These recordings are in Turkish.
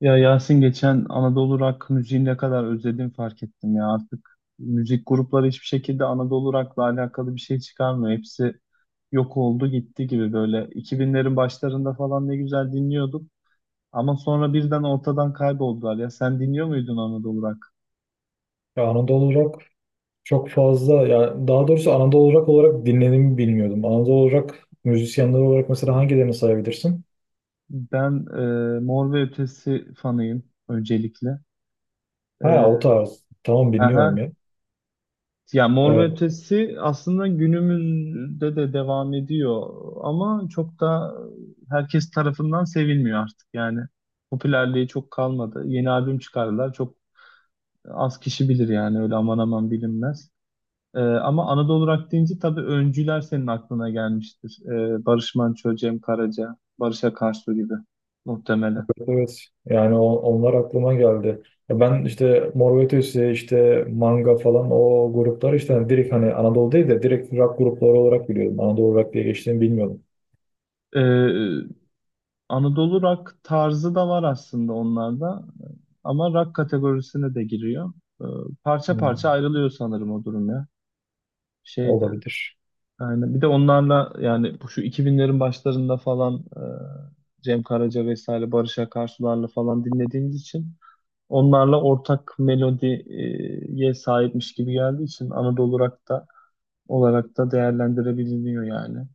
Ya Yasin geçen Anadolu rock müziğini ne kadar özledim fark ettim ya, artık müzik grupları hiçbir şekilde Anadolu rock'la alakalı bir şey çıkarmıyor. Hepsi yok oldu gitti gibi böyle 2000'lerin başlarında falan ne güzel dinliyorduk ama sonra birden ortadan kayboldular. Ya sen dinliyor muydun Anadolu rock? Ya Anadolu Rock çok fazla ya, daha doğrusu Anadolu Rock olarak dinlediğimi bilmiyordum. Anadolu Rock müzisyenleri olarak mesela hangilerini sayabilirsin? Ben Mor ve Ötesi fanıyım öncelikle. Ha, o E, tarz. Tamam, dinliyorum aha, ya. Ya Mor ve Ee, Ötesi aslında günümüzde de devam ediyor ama çok da herkes tarafından sevilmiyor artık yani. Popülerliği çok kalmadı. Yeni albüm çıkardılar. Çok az kişi bilir yani, öyle aman aman bilinmez. Ama Anadolu Rock deyince tabii öncüler senin aklına gelmiştir. Barış Manço, Cem Karaca, Barış Akarsu gibi muhtemelen. Evet, evet. Yani onlar aklıma geldi. Ya ben işte Mor ve Ötesi, işte Manga falan, o gruplar Hı işte hani direkt, hani Anadolu değil de direkt rock grupları olarak biliyordum. Anadolu Rock diye geçtiğini bilmiyordum. hı. Anadolu rock tarzı da var aslında onlarda. Ama rock kategorisine de giriyor. Ee, Parça parça Hmm, ayrılıyor sanırım o durum ya. Şeyde. olabilir. Yani bir de onlarla yani bu şu iki binlerin başlarında falan Cem Karaca vesaire Barış Akarsularla falan dinlediğimiz için onlarla ortak melodiye sahipmiş gibi geldiği için Anadolu rock da olarak da değerlendirebiliniyor yani.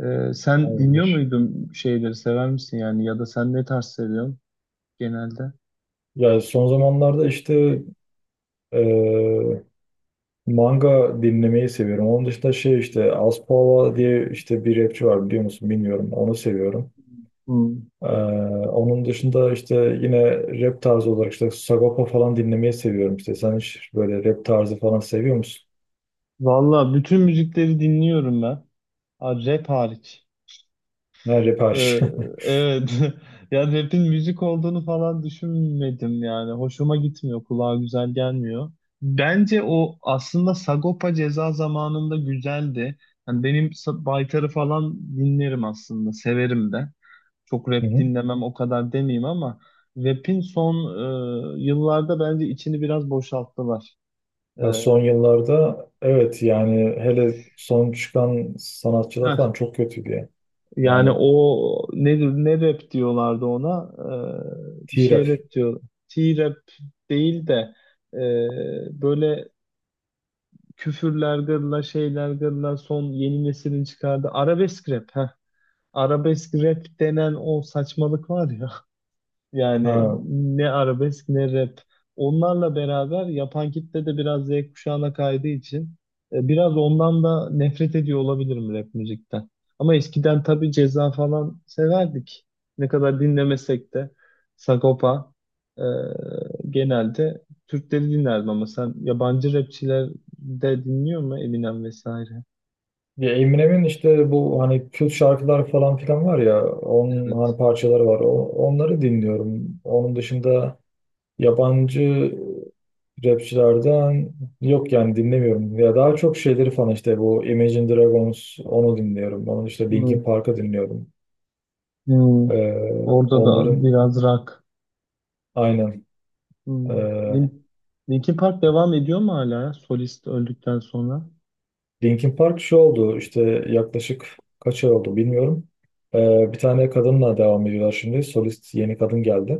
Sen dinliyor Olabilir. muydun, şeyleri sever misin yani, ya da sen ne tarz seviyorsun genelde? Ya son zamanlarda işte Manga dinlemeyi seviyorum. Onun dışında şey, işte Aspava diye işte bir rapçi var, biliyor musun bilmiyorum. Onu seviyorum. Hmm. Ee, Onun dışında işte yine rap tarzı olarak işte Sagopa falan dinlemeyi seviyorum. İşte sen hiç böyle rap tarzı falan seviyor musun? Valla bütün müzikleri dinliyorum ben. Ha, rap hariç. Ha, rap hariç. Ee, evet. Ya rap'in müzik olduğunu falan düşünmedim yani. Hoşuma gitmiyor. Kulağa güzel gelmiyor. Bence o aslında Sagopa Ceza zamanında güzeldi. Yani benim Baytar'ı falan dinlerim aslında. Severim de. Çok rap Hı hı. dinlemem o kadar demeyeyim ama rap'in son yıllarda bence içini biraz boşalttılar. Ee, Ya son yıllarda evet, yani hele son çıkan sanatçılar heh. falan çok kötüydü ya. Yani Yani ne rap diyorlardı ona? Bir şey T-Rap. rap diyor. T-rap değil de böyle küfürler gırla, şeyler gırla, son yeni neslin çıkardığı arabesk rap. Heh. Arabesk rap denen o saçmalık var ya. Yani Ha. ne arabesk ne rap. Onlarla beraber yapan kitle de biraz Z kuşağına kaydığı için biraz ondan da nefret ediyor olabilirim rap müzikten. Ama eskiden tabii Ceza falan severdik. Ne kadar dinlemesek de Sagopa e, genelde Türkleri dinlerdim ama sen yabancı rapçiler de dinliyor mu, Eminem vesaire? Ya Eminem'in işte bu hani kült şarkılar falan filan var ya, onun Evet. hani parçaları var. Onları dinliyorum. Onun dışında yabancı rapçilerden yok yani, dinlemiyorum. Ya daha çok şeyleri falan, işte bu Imagine Dragons, onu dinliyorum. Onun işte Linkin Hmm. Park'ı dinliyorum. Hmm. Ee, Orada da Onların biraz rock. aynen Hmm. ee, Lin- Linkin Park devam ediyor mu hala ya, solist öldükten sonra? Linkin Park şu oldu işte, yaklaşık kaç ay oldu bilmiyorum. Bir tane kadınla devam ediyorlar şimdi. Solist yeni kadın geldi.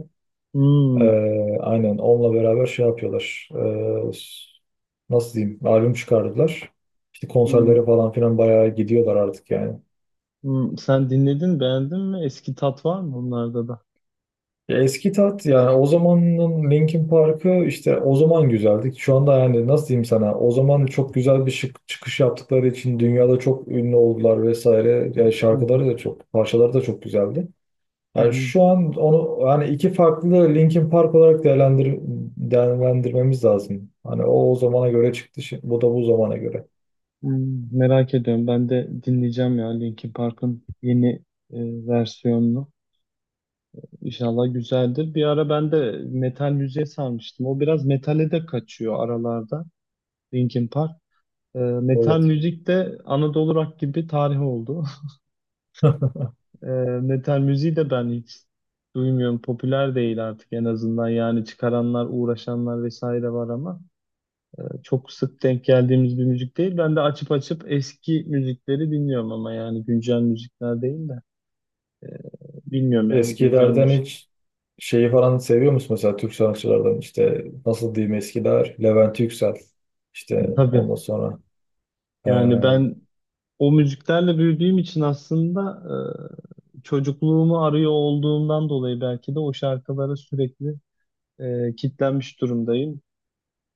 Hmm. Aynen, onunla beraber şey yapıyorlar. Nasıl diyeyim? Albüm çıkardılar. İşte Hmm. konserlere falan filan bayağı gidiyorlar artık yani. Hmm. Sen dinledin, beğendin mi? Eski tat var mı onlarda da? Ya eski tat yani, o zamanın Linkin Park'ı işte o zaman güzeldi. Şu anda yani nasıl diyeyim sana? O zaman çok güzel bir şık, çıkış yaptıkları için dünyada çok ünlü oldular vesaire. Yani Hı hı. şarkıları da çok, parçaları da çok güzeldi. Hı Yani hı. şu an onu yani iki farklı Linkin Park olarak değerlendirmemiz lazım. Hani o zamana göre çıktı, şimdi, bu da bu zamana göre. Hmm. Merak ediyorum. Ben de dinleyeceğim ya, Linkin Park'ın yeni versiyonunu. İnşallah güzeldir. Bir ara ben de metal müziğe sarmıştım. O biraz metale de kaçıyor aralarda Linkin Park. E, metal Evet. müzik de Anadolu Rock gibi tarih oldu. Ee, Metal müziği de ben hiç duymuyorum. Popüler değil artık en azından. Yani çıkaranlar, uğraşanlar vesaire var ama çok sık denk geldiğimiz bir müzik değil. Ben de açıp açıp eski müzikleri dinliyorum ama yani güncel müzikler değil de e, bilmiyorum yani güncel Eskilerden müzik. hiç şeyi falan seviyor musun mesela? Türk sanatçılardan işte nasıl diyeyim, eskiler Levent Yüksel, işte Tabii ondan sonra yani ben o müziklerle büyüdüğüm için aslında çocukluğumu arıyor olduğumdan dolayı belki de o şarkılara sürekli kitlenmiş durumdayım.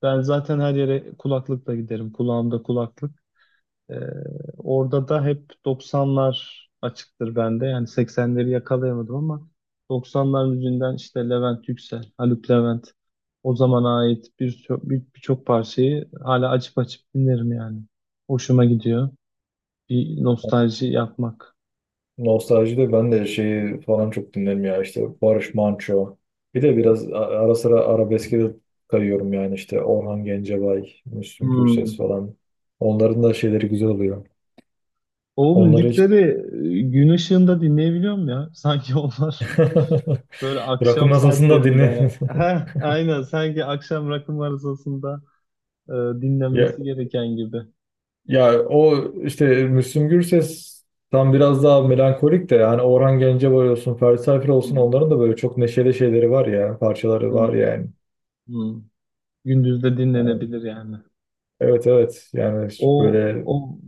Ben zaten her yere kulaklıkla giderim. Kulağımda kulaklık. Ee, Orada da hep 90'lar açıktır bende. Yani 80'leri yakalayamadım ama 90'lar müziğinden işte Levent Yüksel, Haluk Levent, o zamana ait birçok parçayı hala açıp açıp dinlerim yani. Hoşuma gidiyor. Bir nostalji yapmak. nostaljide ben de şeyi falan çok dinlerim ya, işte Barış Manço. Bir de biraz ara sıra arabeske de kayıyorum yani, işte Orhan Gencebay, Müslüm Gürses Hmm. falan. Onların da şeyleri güzel oluyor. O Onları hiç müzikleri gün ışığında dinleyebiliyor muyum ya? Sanki onlar böyle rakı akşam masasında dinle. saatlerinde. Heh, aynen, sanki akşam rakım arızasında e, Ya, dinlenmesi gereken gibi. ya o işte Müslüm Gürses tam biraz daha melankolik de, yani Orhan Gencebay olsun, Ferdi Tayfur olsun, Hmm, onların da böyle çok neşeli şeyleri var ya, parçaları var hmm, yani. hmm. Gündüz de dinlenebilir yani. Evet, evet yani, O, böyle o.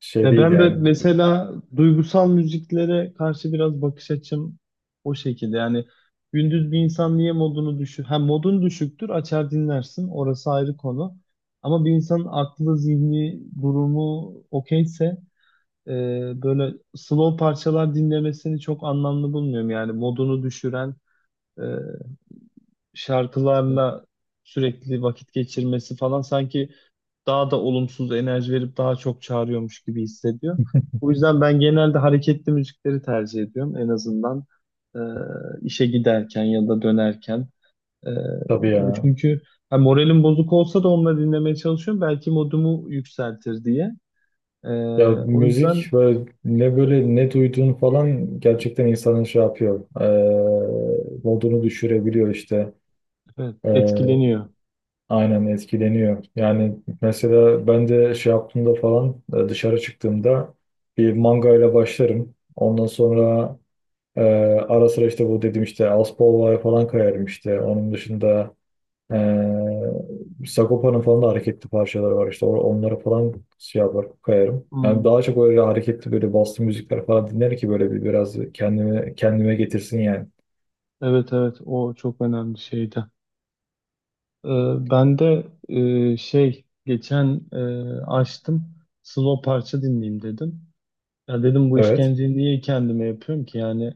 şey Ya değil ben de yani. mesela duygusal müziklere karşı biraz bakış açım o şekilde. Yani gündüz bir insan niye modunu düşük? Ha, modun düşüktür açar dinlersin, orası ayrı konu. Ama bir insanın aklı, zihni, durumu okeyse böyle slow parçalar dinlemesini çok anlamlı bulmuyorum. Yani modunu düşüren e, şarkılarla sürekli vakit geçirmesi falan sanki daha da olumsuz enerji verip daha çok çağırıyormuş gibi hissediyor. O yüzden ben genelde hareketli müzikleri tercih ediyorum. En azından e, işe giderken ya da dönerken. E, Tabii Bu ya. çünkü ha, moralim bozuk olsa da onları dinlemeye çalışıyorum. Belki modumu yükseltir diye. E, Ya O müzik yüzden böyle ne, böyle ne duyduğun falan gerçekten insanın şey yapıyor. Modunu düşürebiliyor işte. evet, Eee, etkileniyor. aynen etkileniyor. Yani mesela ben de şey yaptığımda falan, dışarı çıktığımda bir manga ile başlarım. Ondan sonra e, ara sıra işte bu dedim işte Aspol var falan, kayarım işte. Onun dışında Sagopa'nın falan da hareketli parçaları var işte, onlara falan şey yapar kayarım. Yani Hmm. daha çok öyle hareketli böyle bastı müzikler falan dinler ki böyle bir biraz kendime getirsin yani. Evet evet, o çok önemli şeydi. Ee, Ben de şey geçen açtım slow parça dinleyeyim dedim. Ya dedim, bu Evet. işkenceyi niye kendime yapıyorum ki yani?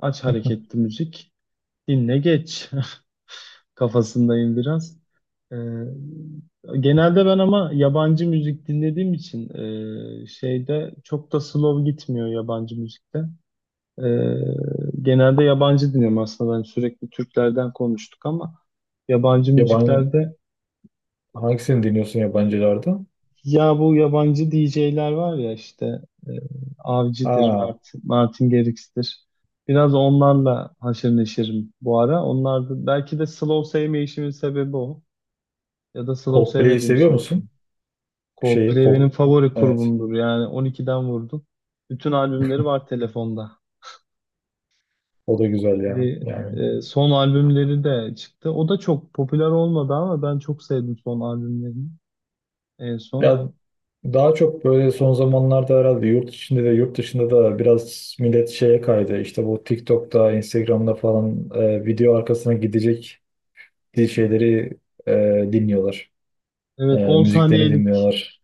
Aç hareketli müzik dinle geç kafasındayım biraz. Ee, Genelde ben ama yabancı müzik dinlediğim için şeyde çok da slow gitmiyor yabancı müzikte. Ee, Genelde yabancı dinliyorum aslında. Ben sürekli Türklerden konuştuk ama yabancı Yabancı müziklerde hangisini dinliyorsun, yabancılarda? ya bu yabancı DJ'ler var ya işte e, Avicii'dir, Ha, Martin Garrix'tir. Biraz onlarla haşır neşirim bu ara. Onlar da, belki de slow sevmeyişimin sebebi o. Ya da slow Coldplay'i sevmediğim seviyor için. musun? Şeyi Coldplay Cold. benim favori Evet. grubumdur. Yani 12'den vurdum. Bütün albümleri var telefonda. O da güzel yani. Şimdi, Yani son albümleri de çıktı. O da çok popüler olmadı ama ben çok sevdim son albümlerini en son. ya daha çok böyle son zamanlarda herhalde yurt içinde de yurt dışında da biraz millet şeye kaydı. İşte bu TikTok'ta, Instagram'da falan, video arkasına gidecek şeyleri e, dinliyorlar. E, Evet, müziklerini dinliyorlar.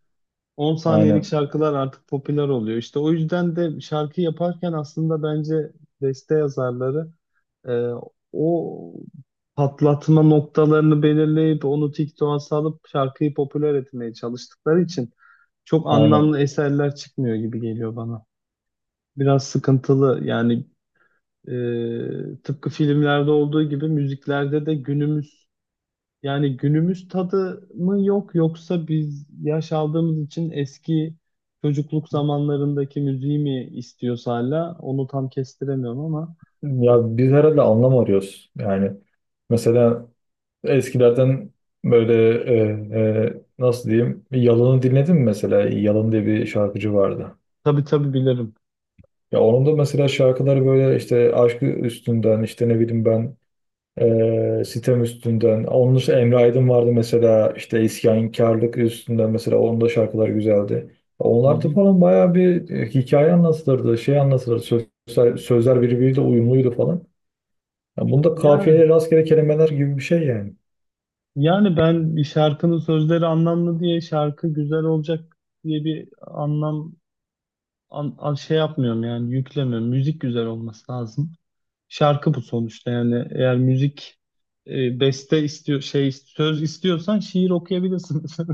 10 saniyelik Aynen. şarkılar artık popüler oluyor. İşte o yüzden de şarkı yaparken aslında bence beste yazarları e, o patlatma noktalarını belirleyip onu TikTok'a salıp şarkıyı popüler etmeye çalıştıkları için çok Aynen. anlamlı eserler çıkmıyor gibi geliyor bana. Biraz sıkıntılı yani. Tıpkı filmlerde olduğu gibi müziklerde de günümüz, yani günümüz tadı mı yok, yoksa biz yaş aldığımız için eski çocukluk zamanlarındaki müziği mi istiyoruz hala, onu tam kestiremiyorum ama Ya biz herhalde anlam arıyoruz. Yani mesela eskilerden böyle nasıl diyeyim, Yalan'ı dinledin mi mesela? Yalan diye bir şarkıcı vardı. tabii tabii bilirim. Ya onun da mesela şarkıları böyle, işte aşkı üstünden, işte ne bileyim ben, sitem üstünden. Onun dışında Emre Aydın vardı mesela, işte isyankarlık üstünden mesela, onun da şarkıları güzeldi. Hı Onlar da hı. falan bayağı bir hikaye anlatılırdı, şey anlatılırdı. Sözler birbiriyle uyumluydu falan. Yani bunda Yani kafiyeli rastgele kelimeler gibi bir şey yani. yani ben bir şarkının sözleri anlamlı diye şarkı güzel olacak diye bir anlam şey yapmıyorum yani, yüklemiyorum. Müzik güzel olması lazım. Şarkı bu sonuçta yani, eğer müzik beste istiyor şey söz istiyorsan şiir okuyabilirsin.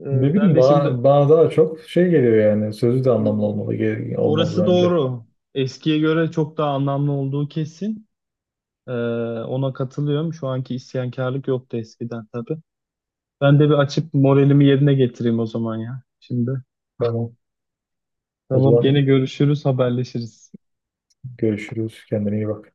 E, Ne ben bileyim, de şimdi bana, bana daha çok şey geliyor yani. Sözü de anlamlı hmm, olmalı, olmalı orası bence. doğru. Eskiye göre çok daha anlamlı olduğu kesin. E, Ona katılıyorum. Şu anki isyankarlık yoktu eskiden tabii. Ben de bir açıp moralimi yerine getireyim o zaman ya şimdi. Tamam. O Tamam, gene zaman görüşürüz, haberleşiriz. görüşürüz. Kendine iyi bak.